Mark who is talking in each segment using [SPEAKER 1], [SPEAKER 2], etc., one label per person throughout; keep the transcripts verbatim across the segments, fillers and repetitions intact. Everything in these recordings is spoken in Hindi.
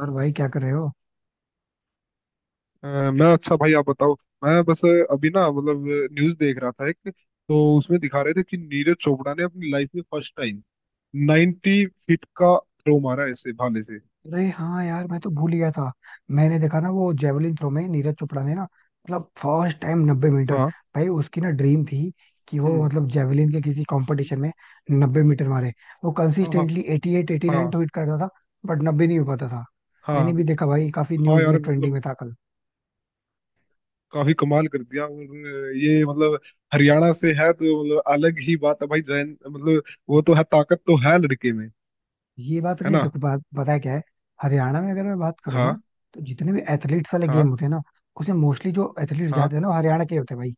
[SPEAKER 1] और भाई, क्या कर रहे हो?
[SPEAKER 2] अ, मैं अच्छा भाई आप बताओ। मैं बस अभी ना मतलब न्यूज देख रहा था। एक तो उसमें दिखा रहे थे कि नीरज चोपड़ा ने अपनी लाइफ में फर्स्ट टाइम नब्बे फीट का थ्रो मारा ऐसे भाले से।
[SPEAKER 1] अरे हाँ यार, मैं तो भूल गया था। मैंने देखा ना वो जेवलिन थ्रो में, नीरज चोपड़ा ने ना मतलब फर्स्ट टाइम नब्बे मीटर।
[SPEAKER 2] हाँ।
[SPEAKER 1] भाई उसकी ना ड्रीम थी कि वो
[SPEAKER 2] हम्म।
[SPEAKER 1] मतलब जेवलिन के किसी कंपटीशन में नब्बे मीटर मारे। वो
[SPEAKER 2] हाँ हाँ
[SPEAKER 1] consistently eighty eight, eighty nine
[SPEAKER 2] हाँ
[SPEAKER 1] तो हिट करता था, बट नब्बे नहीं हो पाता था।
[SPEAKER 2] हाँ
[SPEAKER 1] मैंने भी देखा भाई, काफी
[SPEAKER 2] हाँ
[SPEAKER 1] न्यूज में
[SPEAKER 2] यार
[SPEAKER 1] ट्रेंडिंग
[SPEAKER 2] मतलब
[SPEAKER 1] में था कल।
[SPEAKER 2] काफी कमाल कर दिया और ये मतलब हरियाणा से है तो मतलब अलग ही बात है भाई जैन मतलब वो तो है ताकत तो है लड़के में।
[SPEAKER 1] ये बात
[SPEAKER 2] है
[SPEAKER 1] नहीं है,
[SPEAKER 2] ना।
[SPEAKER 1] देखो बात बताया क्या है। हरियाणा में अगर मैं बात करूँ ना,
[SPEAKER 2] हाँ
[SPEAKER 1] तो जितने भी एथलीट्स वाले
[SPEAKER 2] हाँ
[SPEAKER 1] गेम होते हैं ना, उसमें मोस्टली जो एथलीट
[SPEAKER 2] हाँ
[SPEAKER 1] जाते हैं ना वो हरियाणा के ही होते हैं भाई।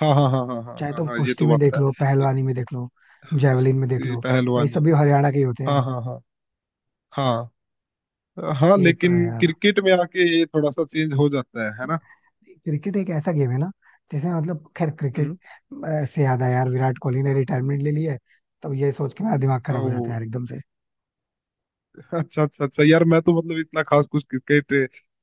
[SPEAKER 2] हाँ हाँ हाँ हाँ हाँ
[SPEAKER 1] चाहे
[SPEAKER 2] हाँ
[SPEAKER 1] तुम
[SPEAKER 2] हाँ ये
[SPEAKER 1] कुश्ती
[SPEAKER 2] तो
[SPEAKER 1] में
[SPEAKER 2] बात
[SPEAKER 1] देख
[SPEAKER 2] है।
[SPEAKER 1] लो, पहलवानी में देख लो,
[SPEAKER 2] हाँ,
[SPEAKER 1] जेवलिन में देख
[SPEAKER 2] कुश्ती
[SPEAKER 1] लो, भाई
[SPEAKER 2] पहलवानी।
[SPEAKER 1] सभी हरियाणा के ही होते
[SPEAKER 2] हाँ
[SPEAKER 1] हैं।
[SPEAKER 2] हाँ हाँ हाँ हाँ
[SPEAKER 1] ये तो
[SPEAKER 2] लेकिन
[SPEAKER 1] है यार।
[SPEAKER 2] क्रिकेट में आके ये थोड़ा सा चेंज हो जाता है है ना।
[SPEAKER 1] क्रिकेट एक ऐसा गेम है ना, जैसे मतलब खैर, क्रिकेट
[SPEAKER 2] हम्म।
[SPEAKER 1] अ, से याद आया यार, विराट कोहली ने रिटायरमेंट ले ली है। तब ये सोच के मेरा दिमाग खराब हो जाता
[SPEAKER 2] ओ,
[SPEAKER 1] है यार, एकदम से।
[SPEAKER 2] अच्छा अच्छा अच्छा यार मैं तो मतलब इतना खास कुछ क्रिकेट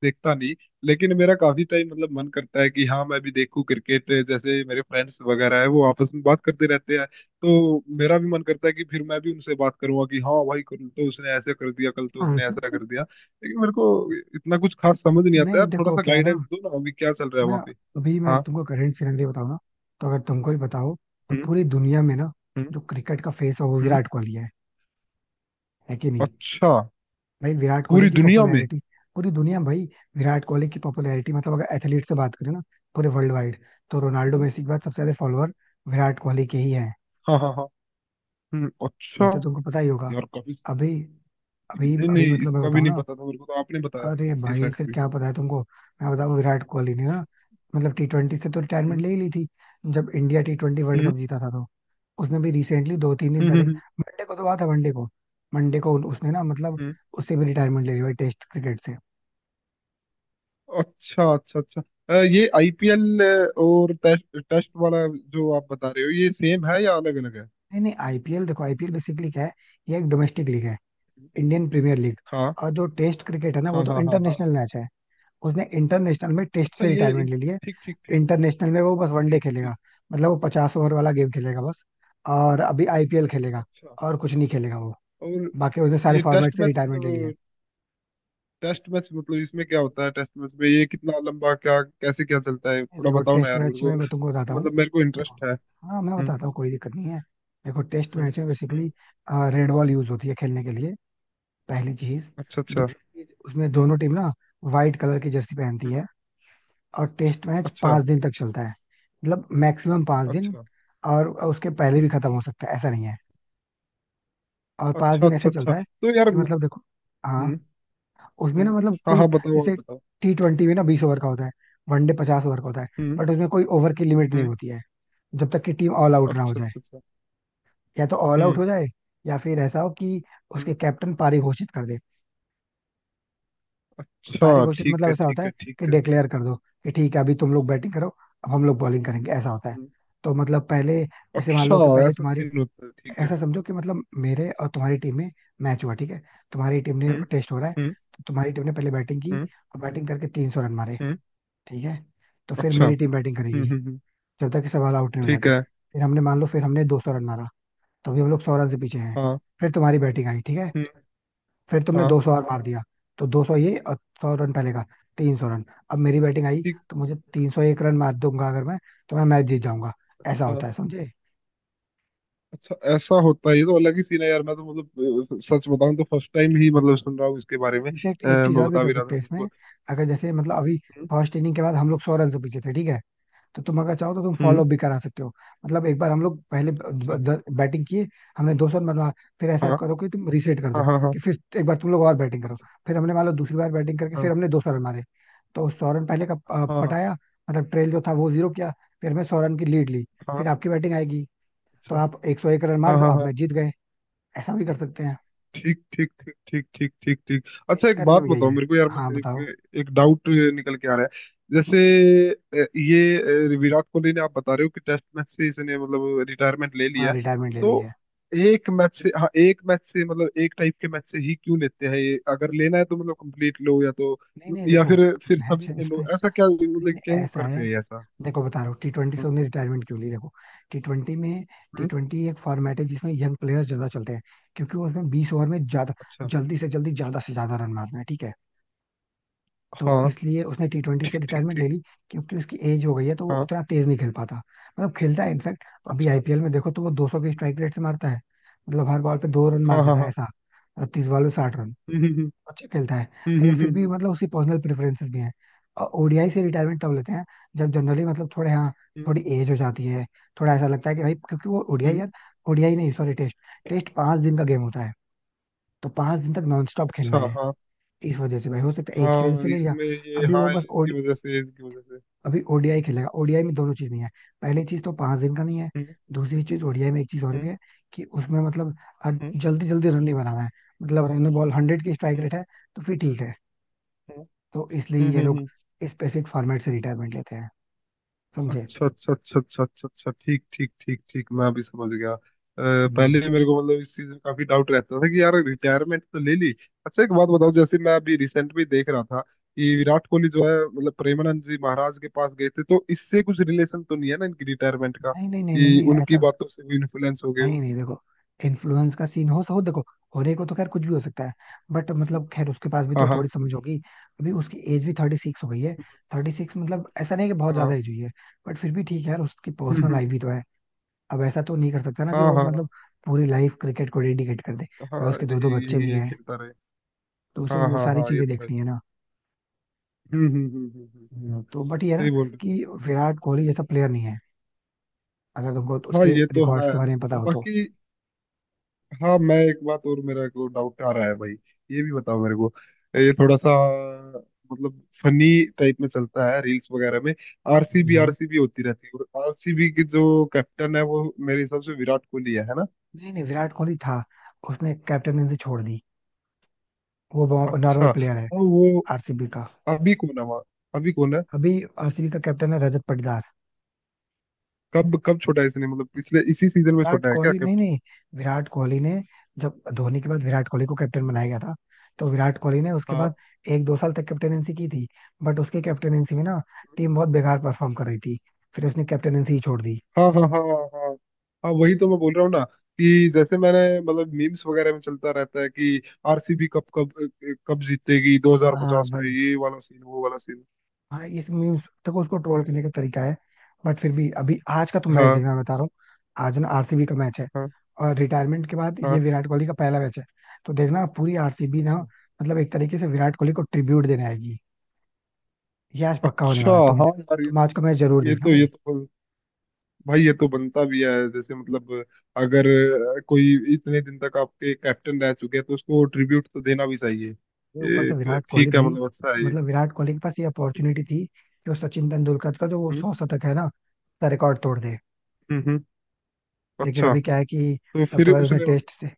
[SPEAKER 2] देखता नहीं। लेकिन मेरा काफी टाइम मतलब मन करता है कि हाँ मैं भी देखूं क्रिकेट जैसे मेरे फ्रेंड्स वगैरह है वो आपस में बात करते रहते हैं तो मेरा भी मन करता है कि फिर मैं भी उनसे बात करूंगा कि हाँ भाई कल तो उसने ऐसे कर दिया कल तो
[SPEAKER 1] हाँ।
[SPEAKER 2] उसने ऐसा कर दिया। लेकिन मेरे को इतना कुछ खास समझ नहीं आता
[SPEAKER 1] नहीं
[SPEAKER 2] यार थोड़ा
[SPEAKER 1] देखो
[SPEAKER 2] सा
[SPEAKER 1] क्या है ना,
[SPEAKER 2] गाइडेंस दो ना अभी क्या चल रहा है
[SPEAKER 1] मैं
[SPEAKER 2] वहाँ पे।
[SPEAKER 1] अभी मैं
[SPEAKER 2] हाँ।
[SPEAKER 1] तुमको करंट सिनेरियो बताऊँ ना, तो अगर तुमको ही बताओ, तो
[SPEAKER 2] हम्म।
[SPEAKER 1] पूरी दुनिया में ना
[SPEAKER 2] हम्म।
[SPEAKER 1] जो क्रिकेट का फेस है वो
[SPEAKER 2] हम्म।
[SPEAKER 1] विराट कोहली है। है कि नहीं?
[SPEAKER 2] अच्छा।
[SPEAKER 1] भाई विराट कोहली
[SPEAKER 2] पूरी
[SPEAKER 1] की
[SPEAKER 2] दुनिया में।
[SPEAKER 1] पॉपुलैरिटी पूरी दुनिया में भाई। विराट कोहली की पॉपुलैरिटी मतलब, अगर एथलीट से बात करें ना पूरे वर्ल्ड वाइड, तो रोनाल्डो
[SPEAKER 2] हम्म,
[SPEAKER 1] मेसी के बाद सबसे ज्यादा फॉलोअर विराट कोहली के ही हैं।
[SPEAKER 2] हाँ हाँ हाँ। हम्म अच्छा।
[SPEAKER 1] ये तो तुमको पता ही होगा।
[SPEAKER 2] यार काफी।
[SPEAKER 1] अभी अभी
[SPEAKER 2] नहीं
[SPEAKER 1] अभी
[SPEAKER 2] नहीं
[SPEAKER 1] मतलब मैं
[SPEAKER 2] इसका भी
[SPEAKER 1] बताऊं
[SPEAKER 2] नहीं
[SPEAKER 1] ना,
[SPEAKER 2] पता था मेरे को तो आपने बताया।
[SPEAKER 1] अरे
[SPEAKER 2] ये
[SPEAKER 1] भाई फिर
[SPEAKER 2] फैक्ट भी।
[SPEAKER 1] क्या पता है तुमको। मैं बताऊं, विराट कोहली ने ना मतलब टी ट्वेंटी से तो रिटायरमेंट
[SPEAKER 2] हम्म
[SPEAKER 1] ले ही ली थी जब इंडिया टी ट्वेंटी वर्ल्ड
[SPEAKER 2] हम्म
[SPEAKER 1] कप जीता था तो। उसमें भी रिसेंटली दो तीन दिन
[SPEAKER 2] हम्म
[SPEAKER 1] पहले,
[SPEAKER 2] हम्म,
[SPEAKER 1] मंडे को, तो बात है मंडे को मंडे को उन- उसने ना मतलब
[SPEAKER 2] हम्म,
[SPEAKER 1] उससे भी रिटायरमेंट ले ली भाई, टेस्ट क्रिकेट से।
[SPEAKER 2] अच्छा अच्छा अच्छा। अ, ये आईपीएल और टेस्ट टेस्ट वाला जो आप बता रहे हो ये सेम है या अलग अलग है?
[SPEAKER 1] नहीं नहीं आईपीएल, देखो आईपीएल बेसिकली क्या है, ये एक डोमेस्टिक लीग है, इंडियन प्रीमियर लीग।
[SPEAKER 2] हाँ
[SPEAKER 1] और जो टेस्ट क्रिकेट है ना वो
[SPEAKER 2] हाँ
[SPEAKER 1] तो
[SPEAKER 2] हाँ हाँ हाँ।
[SPEAKER 1] इंटरनेशनल मैच है। उसने इंटरनेशनल में टेस्ट
[SPEAKER 2] अच्छा
[SPEAKER 1] से
[SPEAKER 2] ये
[SPEAKER 1] रिटायरमेंट
[SPEAKER 2] इन-
[SPEAKER 1] ले लिया।
[SPEAKER 2] ठीक ठीक ठीक।
[SPEAKER 1] इंटरनेशनल में वो बस वनडे
[SPEAKER 2] ठीक
[SPEAKER 1] खेलेगा।
[SPEAKER 2] ठीक।
[SPEAKER 1] मतलब वो पचास ओवर वाला गेम खेलेगा बस, और अभी आईपीएल खेलेगा,
[SPEAKER 2] अच्छा।
[SPEAKER 1] और कुछ नहीं खेलेगा वो।
[SPEAKER 2] और
[SPEAKER 1] बाकी उसने सारे
[SPEAKER 2] ये
[SPEAKER 1] फॉर्मेट
[SPEAKER 2] टेस्ट
[SPEAKER 1] से
[SPEAKER 2] मैच
[SPEAKER 1] रिटायरमेंट ले लिया।
[SPEAKER 2] मतलब टेस्ट मैच मतलब इसमें क्या होता है टेस्ट मैच में ये कितना लंबा क्या कैसे क्या चलता है
[SPEAKER 1] है
[SPEAKER 2] थोड़ा
[SPEAKER 1] देखो
[SPEAKER 2] बताओ ना
[SPEAKER 1] टेस्ट
[SPEAKER 2] यार
[SPEAKER 1] मैच
[SPEAKER 2] मेरे को।
[SPEAKER 1] में मैं तुमको बताता हूँ।
[SPEAKER 2] मतलब मेरे को
[SPEAKER 1] देखो
[SPEAKER 2] इंटरेस्ट है।
[SPEAKER 1] हाँ, मैं
[SPEAKER 2] हम्म।
[SPEAKER 1] बताता हूँ, कोई दिक्कत नहीं है। देखो टेस्ट
[SPEAKER 2] हम्म।
[SPEAKER 1] मैच में बेसिकली
[SPEAKER 2] हम्म,
[SPEAKER 1] रेड बॉल यूज होती है खेलने के लिए, पहली चीज।
[SPEAKER 2] अच्छा अच्छा।
[SPEAKER 1] दूसरी चीज, उसमें दोनों टीम ना व्हाइट कलर की जर्सी पहनती
[SPEAKER 2] हम्म,
[SPEAKER 1] है। और टेस्ट मैच
[SPEAKER 2] अच्छा
[SPEAKER 1] पांच दिन तक चलता है। मतलब मैक्सिमम पांच दिन,
[SPEAKER 2] अच्छा।
[SPEAKER 1] और उसके पहले भी
[SPEAKER 2] हम्म।
[SPEAKER 1] खत्म हो सकता है, ऐसा नहीं है। और पांच
[SPEAKER 2] अच्छा
[SPEAKER 1] दिन
[SPEAKER 2] अच्छा
[SPEAKER 1] ऐसे
[SPEAKER 2] अच्छा
[SPEAKER 1] चलता है
[SPEAKER 2] तो यार
[SPEAKER 1] कि
[SPEAKER 2] म-
[SPEAKER 1] मतलब देखो
[SPEAKER 2] हम्म।
[SPEAKER 1] हाँ, उसमें
[SPEAKER 2] हम्म।
[SPEAKER 1] ना मतलब
[SPEAKER 2] हाँ
[SPEAKER 1] कोई,
[SPEAKER 2] हाँ बताओ आप
[SPEAKER 1] जैसे
[SPEAKER 2] बताओ।
[SPEAKER 1] टी ट्वेंटी में ना बीस ओवर का होता है, वनडे पचास ओवर का होता है,
[SPEAKER 2] हम्म।
[SPEAKER 1] बट उसमें कोई ओवर की लिमिट नहीं
[SPEAKER 2] हम्म।
[SPEAKER 1] होती है जब तक कि टीम ऑल आउट ना हो
[SPEAKER 2] अच्छा
[SPEAKER 1] जाए।
[SPEAKER 2] अच्छा अच्छा।
[SPEAKER 1] या तो ऑल आउट
[SPEAKER 2] हम्म।
[SPEAKER 1] हो जाए, या फिर ऐसा हो कि
[SPEAKER 2] हम्म।
[SPEAKER 1] उसके कैप्टन पारी घोषित कर दे। पारी
[SPEAKER 2] अच्छा
[SPEAKER 1] घोषित
[SPEAKER 2] ठीक
[SPEAKER 1] मतलब
[SPEAKER 2] है
[SPEAKER 1] ऐसा होता
[SPEAKER 2] ठीक
[SPEAKER 1] है
[SPEAKER 2] है ठीक
[SPEAKER 1] कि
[SPEAKER 2] है।
[SPEAKER 1] डिक्लेयर कर दो कि ठीक है, अभी तुम लोग बैटिंग करो, अब हम लोग बॉलिंग करेंगे, ऐसा होता है।
[SPEAKER 2] हम्म।
[SPEAKER 1] तो मतलब पहले जैसे मान
[SPEAKER 2] अच्छा
[SPEAKER 1] लो कि पहले
[SPEAKER 2] ऐसा
[SPEAKER 1] तुम्हारी,
[SPEAKER 2] सीन होता है ठीक है।
[SPEAKER 1] ऐसा समझो कि मतलब मेरे और तुम्हारी टीम में मैच हुआ, ठीक है। तुम्हारी टीम ने,
[SPEAKER 2] हम्म।
[SPEAKER 1] टेस्ट हो रहा है,
[SPEAKER 2] हम्म।
[SPEAKER 1] तो तुम्हारी टीम ने पहले बैटिंग की,
[SPEAKER 2] हम्म।
[SPEAKER 1] और बैटिंग करके तीन सौ रन मारे,
[SPEAKER 2] हम्म।
[SPEAKER 1] ठीक है। तो फिर
[SPEAKER 2] अच्छा।
[SPEAKER 1] मेरी टीम बैटिंग
[SPEAKER 2] हम्म
[SPEAKER 1] करेगी
[SPEAKER 2] हम्म हम्म,
[SPEAKER 1] जब तक कि सब ऑल आउट नहीं हो
[SPEAKER 2] ठीक
[SPEAKER 1] जाते।
[SPEAKER 2] है।
[SPEAKER 1] फिर हमने मान लो, फिर हमने दो सौ रन मारा, तो अभी हम लोग सौ रन से पीछे हैं।
[SPEAKER 2] हाँ।
[SPEAKER 1] फिर तुम्हारी बैटिंग आई, ठीक है।
[SPEAKER 2] हम्म।
[SPEAKER 1] फिर तुमने
[SPEAKER 2] हाँ।
[SPEAKER 1] दो सौ और मार दिया, तो दो सौ ये, और सौ रन पहले का, तीन सौ रन। अब मेरी बैटिंग आई,
[SPEAKER 2] ठीक।
[SPEAKER 1] तो मुझे तीन सौ एक रन मार दूंगा अगर मैं, तो मैं मैच जीत जाऊंगा। ऐसा होता
[SPEAKER 2] हाँ।
[SPEAKER 1] है, समझे?
[SPEAKER 2] अच्छा ऐसा होता है ये तो अलग ही सीन है यार मैं तो मतलब अ, सच बताऊं तो फर्स्ट टाइम ही मतलब सुन रहा हूँ इसके बारे में अ,
[SPEAKER 1] इनफेक्ट एक चीज
[SPEAKER 2] मैं
[SPEAKER 1] और भी
[SPEAKER 2] बता
[SPEAKER 1] कर
[SPEAKER 2] भी रहा
[SPEAKER 1] सकते
[SPEAKER 2] था
[SPEAKER 1] हैं
[SPEAKER 2] मेरे
[SPEAKER 1] इसमें।
[SPEAKER 2] को।
[SPEAKER 1] अगर जैसे मतलब अभी
[SPEAKER 2] हम्म।
[SPEAKER 1] फर्स्ट इनिंग के बाद हम लोग सौ रन से पीछे थे, ठीक है। तो तुम अगर चाहो तो तुम
[SPEAKER 2] हम्म,
[SPEAKER 1] फॉलो भी करा सकते हो। मतलब एक बार हम लोग पहले
[SPEAKER 2] अच्छा।
[SPEAKER 1] बैटिंग किए, हमने दो सौ रन बनवा, फिर ऐसा
[SPEAKER 2] हाँ
[SPEAKER 1] करो कि तुम रीसेट कर दो,
[SPEAKER 2] हाँ हाँ हाँ
[SPEAKER 1] कि फिर एक बार तुम लोग और बैटिंग करो। फिर हमने मान लो दूसरी बार बैटिंग करके फिर
[SPEAKER 2] हाँ
[SPEAKER 1] हमने दो सौ रन मारे। तो सौ रन पहले का अ,
[SPEAKER 2] हाँ
[SPEAKER 1] पटाया, मतलब ट्रेल जो था वो जीरो किया। फिर हमने सौ रन की लीड ली,
[SPEAKER 2] हाँ।
[SPEAKER 1] फिर आपकी बैटिंग आएगी, तो
[SPEAKER 2] अच्छा।
[SPEAKER 1] आप एक सौ एक रन मार
[SPEAKER 2] हाँ
[SPEAKER 1] दो,
[SPEAKER 2] हाँ
[SPEAKER 1] आप
[SPEAKER 2] हाँ।
[SPEAKER 1] मैच जीत गए। ऐसा भी कर सकते हैं।
[SPEAKER 2] ठीक ठीक ठीक ठीक ठीक ठीक ठीक। अच्छा
[SPEAKER 1] टेस्ट
[SPEAKER 2] एक
[SPEAKER 1] का
[SPEAKER 2] बात
[SPEAKER 1] नियम यही
[SPEAKER 2] बताओ
[SPEAKER 1] है।
[SPEAKER 2] मेरे को यार
[SPEAKER 1] हाँ
[SPEAKER 2] मैं
[SPEAKER 1] बताओ।
[SPEAKER 2] एक एक डाउट निकल के आ रहा है। जैसे अ, ये अ, विराट कोहली ने आप बता रहे हो कि टेस्ट मैच से इसने मतलब रिटायरमेंट ले
[SPEAKER 1] हाँ
[SPEAKER 2] लिया।
[SPEAKER 1] रिटायरमेंट ले
[SPEAKER 2] तो
[SPEAKER 1] ली है।
[SPEAKER 2] एक मैच से हाँ एक मैच से मतलब एक टाइप के मैच से ही क्यों लेते हैं ये अगर लेना है तो मतलब कंप्लीट लो या तो
[SPEAKER 1] नहीं नहीं
[SPEAKER 2] या
[SPEAKER 1] देखो,
[SPEAKER 2] फिर फिर
[SPEAKER 1] मैच
[SPEAKER 2] सभी
[SPEAKER 1] है
[SPEAKER 2] खेलो
[SPEAKER 1] उसमें,
[SPEAKER 2] ऐसा क्या
[SPEAKER 1] नहीं
[SPEAKER 2] मतलब
[SPEAKER 1] नहीं
[SPEAKER 2] क्यों
[SPEAKER 1] ऐसा है।
[SPEAKER 2] करते हैं ये ऐसा?
[SPEAKER 1] देखो बता रहा हूँ टी ट्वेंटी से
[SPEAKER 2] हम्म।
[SPEAKER 1] उन्हें रिटायरमेंट क्यों ली, देखो। टी ट्वेंटी में, टी
[SPEAKER 2] हम्म,
[SPEAKER 1] ट्वेंटी एक फॉर्मेट है जिसमें यंग प्लेयर्स ज्यादा चलते हैं, क्योंकि उसमें बीस ओवर में ज्यादा
[SPEAKER 2] अच्छा।
[SPEAKER 1] जल्दी से जल्दी ज्यादा से ज्यादा रन मारना है, ठीक है। तो
[SPEAKER 2] हाँ।
[SPEAKER 1] इसलिए उसने टी ट्वेंटी से
[SPEAKER 2] ठीक ठीक
[SPEAKER 1] रिटायरमेंट ले
[SPEAKER 2] ठीक।
[SPEAKER 1] ली, क्योंकि उसकी एज हो गई है, तो वो
[SPEAKER 2] हाँ।
[SPEAKER 1] उतना तेज नहीं खेल पाता, मतलब खेलता है इनफैक्ट। अभी
[SPEAKER 2] अच्छा।
[SPEAKER 1] आईपीएल में देखो तो वो दो सौ के स्ट्राइक रेट से मारता है, मतलब हर बॉल पे दो रन मार
[SPEAKER 2] हाँ हाँ
[SPEAKER 1] देता है
[SPEAKER 2] हाँ
[SPEAKER 1] ऐसा। और तीस बॉल में साठ रन,
[SPEAKER 2] हम्म
[SPEAKER 1] अच्छा खेलता है।
[SPEAKER 2] हम्म हम्म
[SPEAKER 1] लेकिन
[SPEAKER 2] हम्म
[SPEAKER 1] फिर भी
[SPEAKER 2] हम्म
[SPEAKER 1] मतलब उसकी पर्सनल प्रेफरेंसेस भी हैं। और ओडीआई से रिटायरमेंट तब लेते हैं जब जनरली मतलब थोड़े, हाँ
[SPEAKER 2] हम्म,
[SPEAKER 1] थोड़ी एज हो जाती है, थोड़ा ऐसा लगता है कि भाई, क्योंकि वो
[SPEAKER 2] हम्म,
[SPEAKER 1] ओडीआई
[SPEAKER 2] हम्म,
[SPEAKER 1] यार, ओडीआई नहीं सॉरी, टेस्ट। टेस्ट पांच दिन का गेम होता है, तो पांच दिन तक नॉन स्टॉप खेलना
[SPEAKER 2] अच्छा।
[SPEAKER 1] है।
[SPEAKER 2] हाँ
[SPEAKER 1] इस वजह से भाई, हो सकता है एज की वजह
[SPEAKER 2] हाँ
[SPEAKER 1] से ले लिया।
[SPEAKER 2] इसमें ये
[SPEAKER 1] अभी वो
[SPEAKER 2] हाँ
[SPEAKER 1] बस ओडी,
[SPEAKER 2] इसकी वजह से इसकी वजह से।
[SPEAKER 1] अभी ओडीआई खेलेगा। ओडीआई में दोनों चीज नहीं है। पहली चीज तो पांच दिन का नहीं है।
[SPEAKER 2] हम्म
[SPEAKER 1] दूसरी चीज ओडीआई में एक चीज और भी
[SPEAKER 2] हम्म
[SPEAKER 1] है, कि उसमें मतलब
[SPEAKER 2] हम्म
[SPEAKER 1] जल्दी जल्दी रन नहीं बनाना है, मतलब रन बॉल हंड्रेड की स्ट्राइक
[SPEAKER 2] हम्म
[SPEAKER 1] रेट है। तो फिर ठीक है। तो इसलिए
[SPEAKER 2] हम्म हम्म,
[SPEAKER 1] ये
[SPEAKER 2] हम्म,
[SPEAKER 1] लोग
[SPEAKER 2] हम्म।
[SPEAKER 1] स्पेसिफिक फॉर्मेट से रिटायरमेंट लेते हैं, समझे?
[SPEAKER 2] अच्छा अच्छा अच्छा अच्छा अच्छा अच्छा ठीक ठीक ठीक ठीक मैं अभी समझ गया अ,
[SPEAKER 1] हम्म।
[SPEAKER 2] पहले मेरे को मतलब इस चीज में काफी डाउट रहता था कि यार रिटायरमेंट तो ले ली। अच्छा एक बात बताओ जैसे मैं अभी रिसेंट में देख रहा था कि विराट कोहली जो है मतलब प्रेमानंद जी महाराज के पास गए थे तो इससे कुछ रिलेशन तो नहीं है ना इनकी रिटायरमेंट का
[SPEAKER 1] नहीं नहीं नहीं नहीं
[SPEAKER 2] कि
[SPEAKER 1] नहीं,
[SPEAKER 2] उनकी
[SPEAKER 1] ऐसा
[SPEAKER 2] बातों से भी इन्फ्लुएंस हो गए
[SPEAKER 1] नहीं
[SPEAKER 2] हो?
[SPEAKER 1] नहीं देखो, इन्फ्लुएंस का सीन हो तो हो, देखो होने को तो खैर कुछ भी हो सकता है, बट मतलब खैर उसके पास भी
[SPEAKER 2] हाँ
[SPEAKER 1] तो
[SPEAKER 2] हाँ
[SPEAKER 1] थोड़ी समझ होगी। अभी उसकी एज भी थर्टी सिक्स हो गई है। थर्टी सिक्स मतलब ऐसा नहीं कि बहुत
[SPEAKER 2] हाँ।
[SPEAKER 1] ज्यादा एज हुई है, बट फिर भी ठीक है यार, उसकी
[SPEAKER 2] हम्म
[SPEAKER 1] पर्सनल
[SPEAKER 2] हम्म,
[SPEAKER 1] लाइफ भी तो है। अब ऐसा तो नहीं कर सकता ना कि
[SPEAKER 2] हाँ
[SPEAKER 1] वो मतलब
[SPEAKER 2] हाँ
[SPEAKER 1] पूरी लाइफ क्रिकेट को डेडिकेट कर दे।
[SPEAKER 2] हाँ।
[SPEAKER 1] भाई
[SPEAKER 2] हाँ
[SPEAKER 1] उसके दो दो
[SPEAKER 2] यही
[SPEAKER 1] बच्चे
[SPEAKER 2] यही
[SPEAKER 1] भी
[SPEAKER 2] ये
[SPEAKER 1] हैं,
[SPEAKER 2] खेलता रहे।
[SPEAKER 1] तो उसे
[SPEAKER 2] हाँ
[SPEAKER 1] वो
[SPEAKER 2] हाँ
[SPEAKER 1] सारी
[SPEAKER 2] हाँ ये
[SPEAKER 1] चीजें
[SPEAKER 2] तो है
[SPEAKER 1] देखनी
[SPEAKER 2] ही।
[SPEAKER 1] है ना।
[SPEAKER 2] हम्म हम्म हम्म हम्म हम्म,
[SPEAKER 1] हम्म। तो बट ये है ना
[SPEAKER 2] सही बोल रहे
[SPEAKER 1] कि विराट कोहली जैसा प्लेयर नहीं है, अगर तुमको तो
[SPEAKER 2] हो। हाँ
[SPEAKER 1] उसके
[SPEAKER 2] ये तो
[SPEAKER 1] रिकॉर्ड्स
[SPEAKER 2] है।
[SPEAKER 1] के बारे में पता हो तो।
[SPEAKER 2] बाकी। हाँ मैं एक बात और मेरा को डाउट आ रहा है भाई ये भी बताओ मेरे को। ये थोड़ा सा मतलब फनी टाइप में चलता है रील्स वगैरह में
[SPEAKER 1] हम्म,
[SPEAKER 2] आरसीबी
[SPEAKER 1] हाँ।
[SPEAKER 2] आरसीबी होती रहती है और आरसीबी की जो कैप्टन है वो मेरे हिसाब से विराट कोहली है है ना?
[SPEAKER 1] नहीं नहीं विराट कोहली था, उसने कैप्टनसी छोड़ दी, वो
[SPEAKER 2] अच्छा
[SPEAKER 1] नॉर्मल प्लेयर है
[SPEAKER 2] और वो
[SPEAKER 1] आरसीबी का।
[SPEAKER 2] अभी कौन है वहाँ। अभी कौन है?
[SPEAKER 1] अभी आरसीबी का कैप्टन है रजत पाटीदार।
[SPEAKER 2] कब कब छोटा है इसने मतलब पिछले इसी सीजन में
[SPEAKER 1] विराट
[SPEAKER 2] छोटा है क्या?
[SPEAKER 1] कोहली नहीं नहीं, विराट कोहली ने, जब धोनी के बाद विराट कोहली को कैप्टन बनाया गया था, तो विराट कोहली ने उसके
[SPEAKER 2] हाँ
[SPEAKER 1] बाद एक दो साल तक कैप्टनसी की थी, बट उसके कैप्टनसी में ना टीम बहुत बेकार परफॉर्म कर रही थी, फिर उसने कैप्टनसी ही छोड़ दी।
[SPEAKER 2] हाँ हाँ हाँ हाँ। हाँ वही तो मैं बोल रहा हूँ ना कि जैसे मैंने मतलब मीम्स वगैरह में चलता रहता है कि आरसीबी कब कब कब जीतेगी
[SPEAKER 1] हाँ हाँ
[SPEAKER 2] दो हज़ार पचास में
[SPEAKER 1] भाई।
[SPEAKER 2] ये वाला सीन वो वाला सीन।
[SPEAKER 1] हाँ ये मीम्स देखो, उसको ट्रोल करने का तरीका है। बट फिर भी अभी आज का तो मैच
[SPEAKER 2] हाँ
[SPEAKER 1] देखना, मैं बता रहा हूँ। आज ना आरसीबी का मैच है,
[SPEAKER 2] हाँ
[SPEAKER 1] और रिटायरमेंट के बाद ये
[SPEAKER 2] हाँ।
[SPEAKER 1] विराट कोहली का पहला मैच है। तो देखना, पूरी आरसीबी ना
[SPEAKER 2] अच्छा
[SPEAKER 1] मतलब एक तरीके से विराट कोहली को ट्रिब्यूट देने आएगी। ये आज पक्का होने
[SPEAKER 2] अच्छा।
[SPEAKER 1] वाला है, तुम
[SPEAKER 2] हाँ यार ये
[SPEAKER 1] तुम
[SPEAKER 2] तो
[SPEAKER 1] आज का मैच जरूर
[SPEAKER 2] ये
[SPEAKER 1] देखना
[SPEAKER 2] तो
[SPEAKER 1] भाई।
[SPEAKER 2] ये तो बन- भाई ये तो बनता भी है जैसे मतलब अगर अ, कोई इतने दिन तक आपके कैप्टन रह चुके हैं तो उसको ट्रिब्यूट तो देना भी चाहिए।
[SPEAKER 1] ये ऊपर से
[SPEAKER 2] ये
[SPEAKER 1] विराट कोहली
[SPEAKER 2] ठीक है
[SPEAKER 1] भाई,
[SPEAKER 2] मतलब अच्छा है ये।
[SPEAKER 1] मतलब विराट कोहली के पास ये अपॉर्चुनिटी थी कि वो सचिन तेंदुलकर का जो वो
[SPEAKER 2] हम्म
[SPEAKER 1] सौ शतक है ना उसका रिकॉर्ड तोड़ दे।
[SPEAKER 2] हम्म हम्म,
[SPEAKER 1] लेकिन
[SPEAKER 2] अच्छा
[SPEAKER 1] अभी क्या है कि
[SPEAKER 2] तो
[SPEAKER 1] अब
[SPEAKER 2] फिर
[SPEAKER 1] तो भाई उसने
[SPEAKER 2] उसने।
[SPEAKER 1] टेस्ट से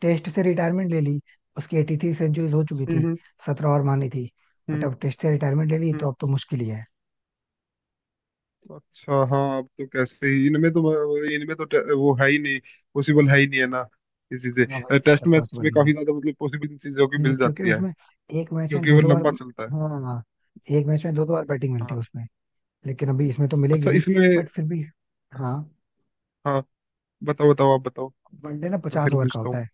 [SPEAKER 1] टेस्ट से रिटायरमेंट ले ली। उसकी एटी थ्री सेंचुरीज हो चुकी थी,
[SPEAKER 2] हम्म
[SPEAKER 1] सत्रह और मानी थी, बट
[SPEAKER 2] हम्म
[SPEAKER 1] अब टेस्ट से रिटायरमेंट ले ली
[SPEAKER 2] हम्म,
[SPEAKER 1] तो अब तो मुश्किल ही है।
[SPEAKER 2] अच्छा हाँ अब तो कैसे ही इनमें तो इनमें तो टे- वो है ही नहीं। पॉसिबल है ही नहीं है ना। इसी से
[SPEAKER 1] हाँ वही चीज
[SPEAKER 2] टेस्ट
[SPEAKER 1] है,
[SPEAKER 2] मैच
[SPEAKER 1] पॉसिबल
[SPEAKER 2] में
[SPEAKER 1] नहीं है।
[SPEAKER 2] काफी ज्यादा मतलब पॉसिबल चीजों की
[SPEAKER 1] ये
[SPEAKER 2] मिल
[SPEAKER 1] क्योंकि
[SPEAKER 2] जाती है
[SPEAKER 1] उसमें एक मैच में
[SPEAKER 2] क्योंकि
[SPEAKER 1] दो
[SPEAKER 2] वो
[SPEAKER 1] दो बार,
[SPEAKER 2] लंबा चलता है।
[SPEAKER 1] हाँ एक मैच में दो दो बार बैटिंग मिलती है
[SPEAKER 2] हाँ।
[SPEAKER 1] उसमें, लेकिन अभी इसमें तो मिलेगी
[SPEAKER 2] अच्छा
[SPEAKER 1] नहीं।
[SPEAKER 2] इसमें।
[SPEAKER 1] बट फिर भी, हाँ
[SPEAKER 2] हाँ बताओ बताओ आप बताओ।
[SPEAKER 1] वनडे ना
[SPEAKER 2] मैं
[SPEAKER 1] पचास
[SPEAKER 2] फिर
[SPEAKER 1] ओवर का
[SPEAKER 2] पूछता
[SPEAKER 1] होता
[SPEAKER 2] हूँ।
[SPEAKER 1] है,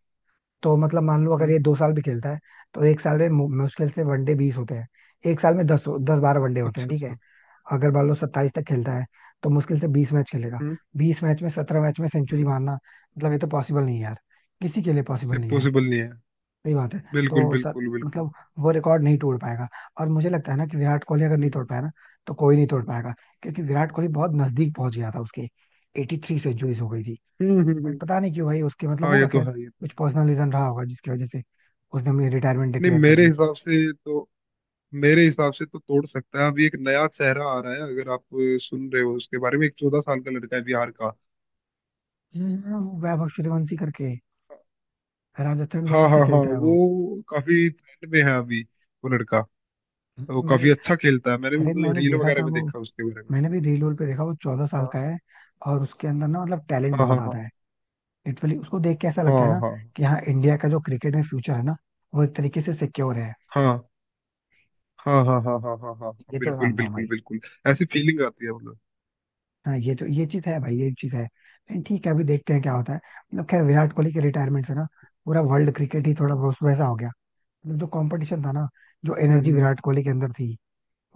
[SPEAKER 1] तो मतलब मान लो अगर
[SPEAKER 2] हम्म।
[SPEAKER 1] ये दो साल भी खेलता है, तो एक साल में मु- मुश्किल से वनडे बीस होते हैं, एक साल में दस, दस बारह वनडे होते
[SPEAKER 2] अच्छा
[SPEAKER 1] हैं, ठीक है।
[SPEAKER 2] अच्छा।
[SPEAKER 1] अगर बालो सत्ताईस तक खेलता है, तो मुश्किल से बीस मैच खेलेगा।
[SPEAKER 2] हम्म।
[SPEAKER 1] बीस मैच में सत्रह मैच में सेंचुरी
[SPEAKER 2] हम्म।
[SPEAKER 1] मारना, मतलब ये तो पॉसिबल नहीं है यार, किसी के लिए
[SPEAKER 2] ये
[SPEAKER 1] पॉसिबल नहीं है।
[SPEAKER 2] पॉसिबल नहीं है।
[SPEAKER 1] सही बात है।
[SPEAKER 2] बिल्कुल
[SPEAKER 1] तो सर
[SPEAKER 2] बिल्कुल बिल्कुल।
[SPEAKER 1] मतलब वो रिकॉर्ड नहीं तोड़ पाएगा। और मुझे लगता है ना कि विराट कोहली अगर नहीं
[SPEAKER 2] हम्म
[SPEAKER 1] तोड़ पाया ना, तो कोई नहीं तोड़ पाएगा, क्योंकि
[SPEAKER 2] हम्म
[SPEAKER 1] विराट कोहली बहुत नजदीक पहुंच गया था उसके। एटी थ्री सेंचुरीज हो गई थी।
[SPEAKER 2] हम्म हम्म,
[SPEAKER 1] बट
[SPEAKER 2] हम्म,
[SPEAKER 1] पता नहीं क्यों भाई उसके, मतलब
[SPEAKER 2] हाँ ये
[SPEAKER 1] होगा
[SPEAKER 2] तो
[SPEAKER 1] खैर
[SPEAKER 2] है ये तो
[SPEAKER 1] कुछ
[SPEAKER 2] है।
[SPEAKER 1] पर्सनल रीजन रहा होगा जिसकी वजह से उसने अपनी रिटायरमेंट
[SPEAKER 2] नहीं
[SPEAKER 1] डिक्लेयर कर
[SPEAKER 2] मेरे
[SPEAKER 1] दी।
[SPEAKER 2] हिसाब से तो मेरे हिसाब से तो तोड़ सकता है अभी एक नया चेहरा आ रहा है अगर आप सुन रहे हो उसके बारे में एक चौदह साल का लड़का है बिहार का।
[SPEAKER 1] हम्म। वो वैभव सूर्यवंशी करके राजस्थान
[SPEAKER 2] हाँ
[SPEAKER 1] रॉयल्स
[SPEAKER 2] हाँ
[SPEAKER 1] से
[SPEAKER 2] हाँ
[SPEAKER 1] खेलता है वो।
[SPEAKER 2] वो काफी ट्रेंड में है अभी वो लड़का। वो
[SPEAKER 1] मैंने,
[SPEAKER 2] काफी अच्छा खेलता है मैंने भी
[SPEAKER 1] अरे
[SPEAKER 2] मतलब
[SPEAKER 1] मैंने
[SPEAKER 2] रील
[SPEAKER 1] देखा
[SPEAKER 2] वगैरह
[SPEAKER 1] था
[SPEAKER 2] में
[SPEAKER 1] वो,
[SPEAKER 2] देखा उसके बारे में।
[SPEAKER 1] मैंने भी रील पे देखा, वो चौदह साल
[SPEAKER 2] हाँ
[SPEAKER 1] का है और उसके अंदर ना मतलब टैलेंट
[SPEAKER 2] हाँ
[SPEAKER 1] बहुत ज्यादा
[SPEAKER 2] हाँ
[SPEAKER 1] है। लिटरली उसको देख के ऐसा लगता है
[SPEAKER 2] हाँ
[SPEAKER 1] ना
[SPEAKER 2] हाँ
[SPEAKER 1] कि हाँ, इंडिया का जो क्रिकेट में फ्यूचर है ना, वो एक तरीके से सिक्योर है।
[SPEAKER 2] हाँ हाँ हाँ। हाँ हाँ हाँ हाँ हाँ हाँ,
[SPEAKER 1] ये तो मैं
[SPEAKER 2] बिल्कुल
[SPEAKER 1] मानता हूँ
[SPEAKER 2] बिल्कुल
[SPEAKER 1] भाई।
[SPEAKER 2] बिल्कुल। ऐसी फीलिंग आती है मतलब।
[SPEAKER 1] हाँ ये तो, ये चीज है भाई, ये चीज है, लेकिन ठीक है अभी देखते हैं क्या होता है। मतलब खैर विराट कोहली के रिटायरमेंट से ना पूरा वर्ल्ड क्रिकेट ही थोड़ा बहुत वैसा हो गया। मतलब जो कॉम्पिटिशन था ना, जो
[SPEAKER 2] हम्म
[SPEAKER 1] एनर्जी
[SPEAKER 2] हम्म
[SPEAKER 1] विराट कोहली के अंदर थी,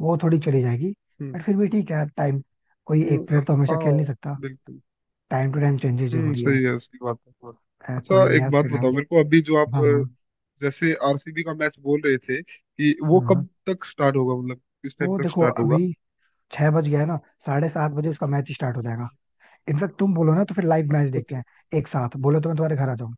[SPEAKER 1] वो थोड़ी चली जाएगी।
[SPEAKER 2] हम्म
[SPEAKER 1] बट फिर भी ठीक है, टाइम, कोई एक
[SPEAKER 2] हम्म,
[SPEAKER 1] प्लेयर तो हमेशा खेल नहीं
[SPEAKER 2] हाँ
[SPEAKER 1] सकता,
[SPEAKER 2] बिल्कुल।
[SPEAKER 1] टाइम टू टाइम चेंजेस
[SPEAKER 2] हम्म
[SPEAKER 1] जरूरी है।
[SPEAKER 2] सही है सही बात है।
[SPEAKER 1] खैर
[SPEAKER 2] अच्छा
[SPEAKER 1] कोई नहीं
[SPEAKER 2] एक
[SPEAKER 1] यार,
[SPEAKER 2] बात बताओ
[SPEAKER 1] फिलहाल।
[SPEAKER 2] मेरे को अभी जो आप
[SPEAKER 1] हाँ हाँ
[SPEAKER 2] जैसे आरसीबी का मैच बोल रहे थे कि वो
[SPEAKER 1] हाँ।
[SPEAKER 2] कब तक स्टार्ट होगा मतलब किस टाइम
[SPEAKER 1] वो
[SPEAKER 2] तक
[SPEAKER 1] देखो
[SPEAKER 2] स्टार्ट होगा?
[SPEAKER 1] अभी छह बज गया है ना, साढ़े सात बजे उसका मैच स्टार्ट हो जाएगा। इनफेक्ट तुम बोलो ना, तो फिर लाइव मैच
[SPEAKER 2] अच्छा
[SPEAKER 1] देखते
[SPEAKER 2] अच्छा।
[SPEAKER 1] हैं एक साथ, बोलो तो मैं तुम्हारे घर आ जाऊँ।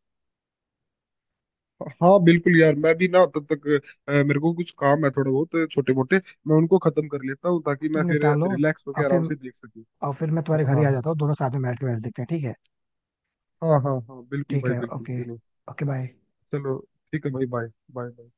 [SPEAKER 2] हाँ बिल्कुल यार मैं भी ना तब तक अ, मेरे को कुछ काम है थोड़ा बहुत छोटे मोटे मैं उनको खत्म कर लेता हूँ ताकि
[SPEAKER 1] तुम
[SPEAKER 2] मैं फिर
[SPEAKER 1] निपटा लो,
[SPEAKER 2] रिलैक्स होकर
[SPEAKER 1] और
[SPEAKER 2] आराम
[SPEAKER 1] फिर
[SPEAKER 2] से देख सकूँ।
[SPEAKER 1] और फिर मैं तुम्हारे
[SPEAKER 2] हाँ
[SPEAKER 1] घर ही
[SPEAKER 2] हाँ
[SPEAKER 1] आ
[SPEAKER 2] हाँ
[SPEAKER 1] जाता हूँ, दोनों साथ में मैच मैच देखते हैं, ठीक है?
[SPEAKER 2] हाँ हाँ हाँ बिल्कुल
[SPEAKER 1] ठीक
[SPEAKER 2] भाई
[SPEAKER 1] है,
[SPEAKER 2] बिल्कुल
[SPEAKER 1] ओके।
[SPEAKER 2] क्यों नहीं।
[SPEAKER 1] Okay bye.
[SPEAKER 2] चलो ठीक है भाई बाय। बाय।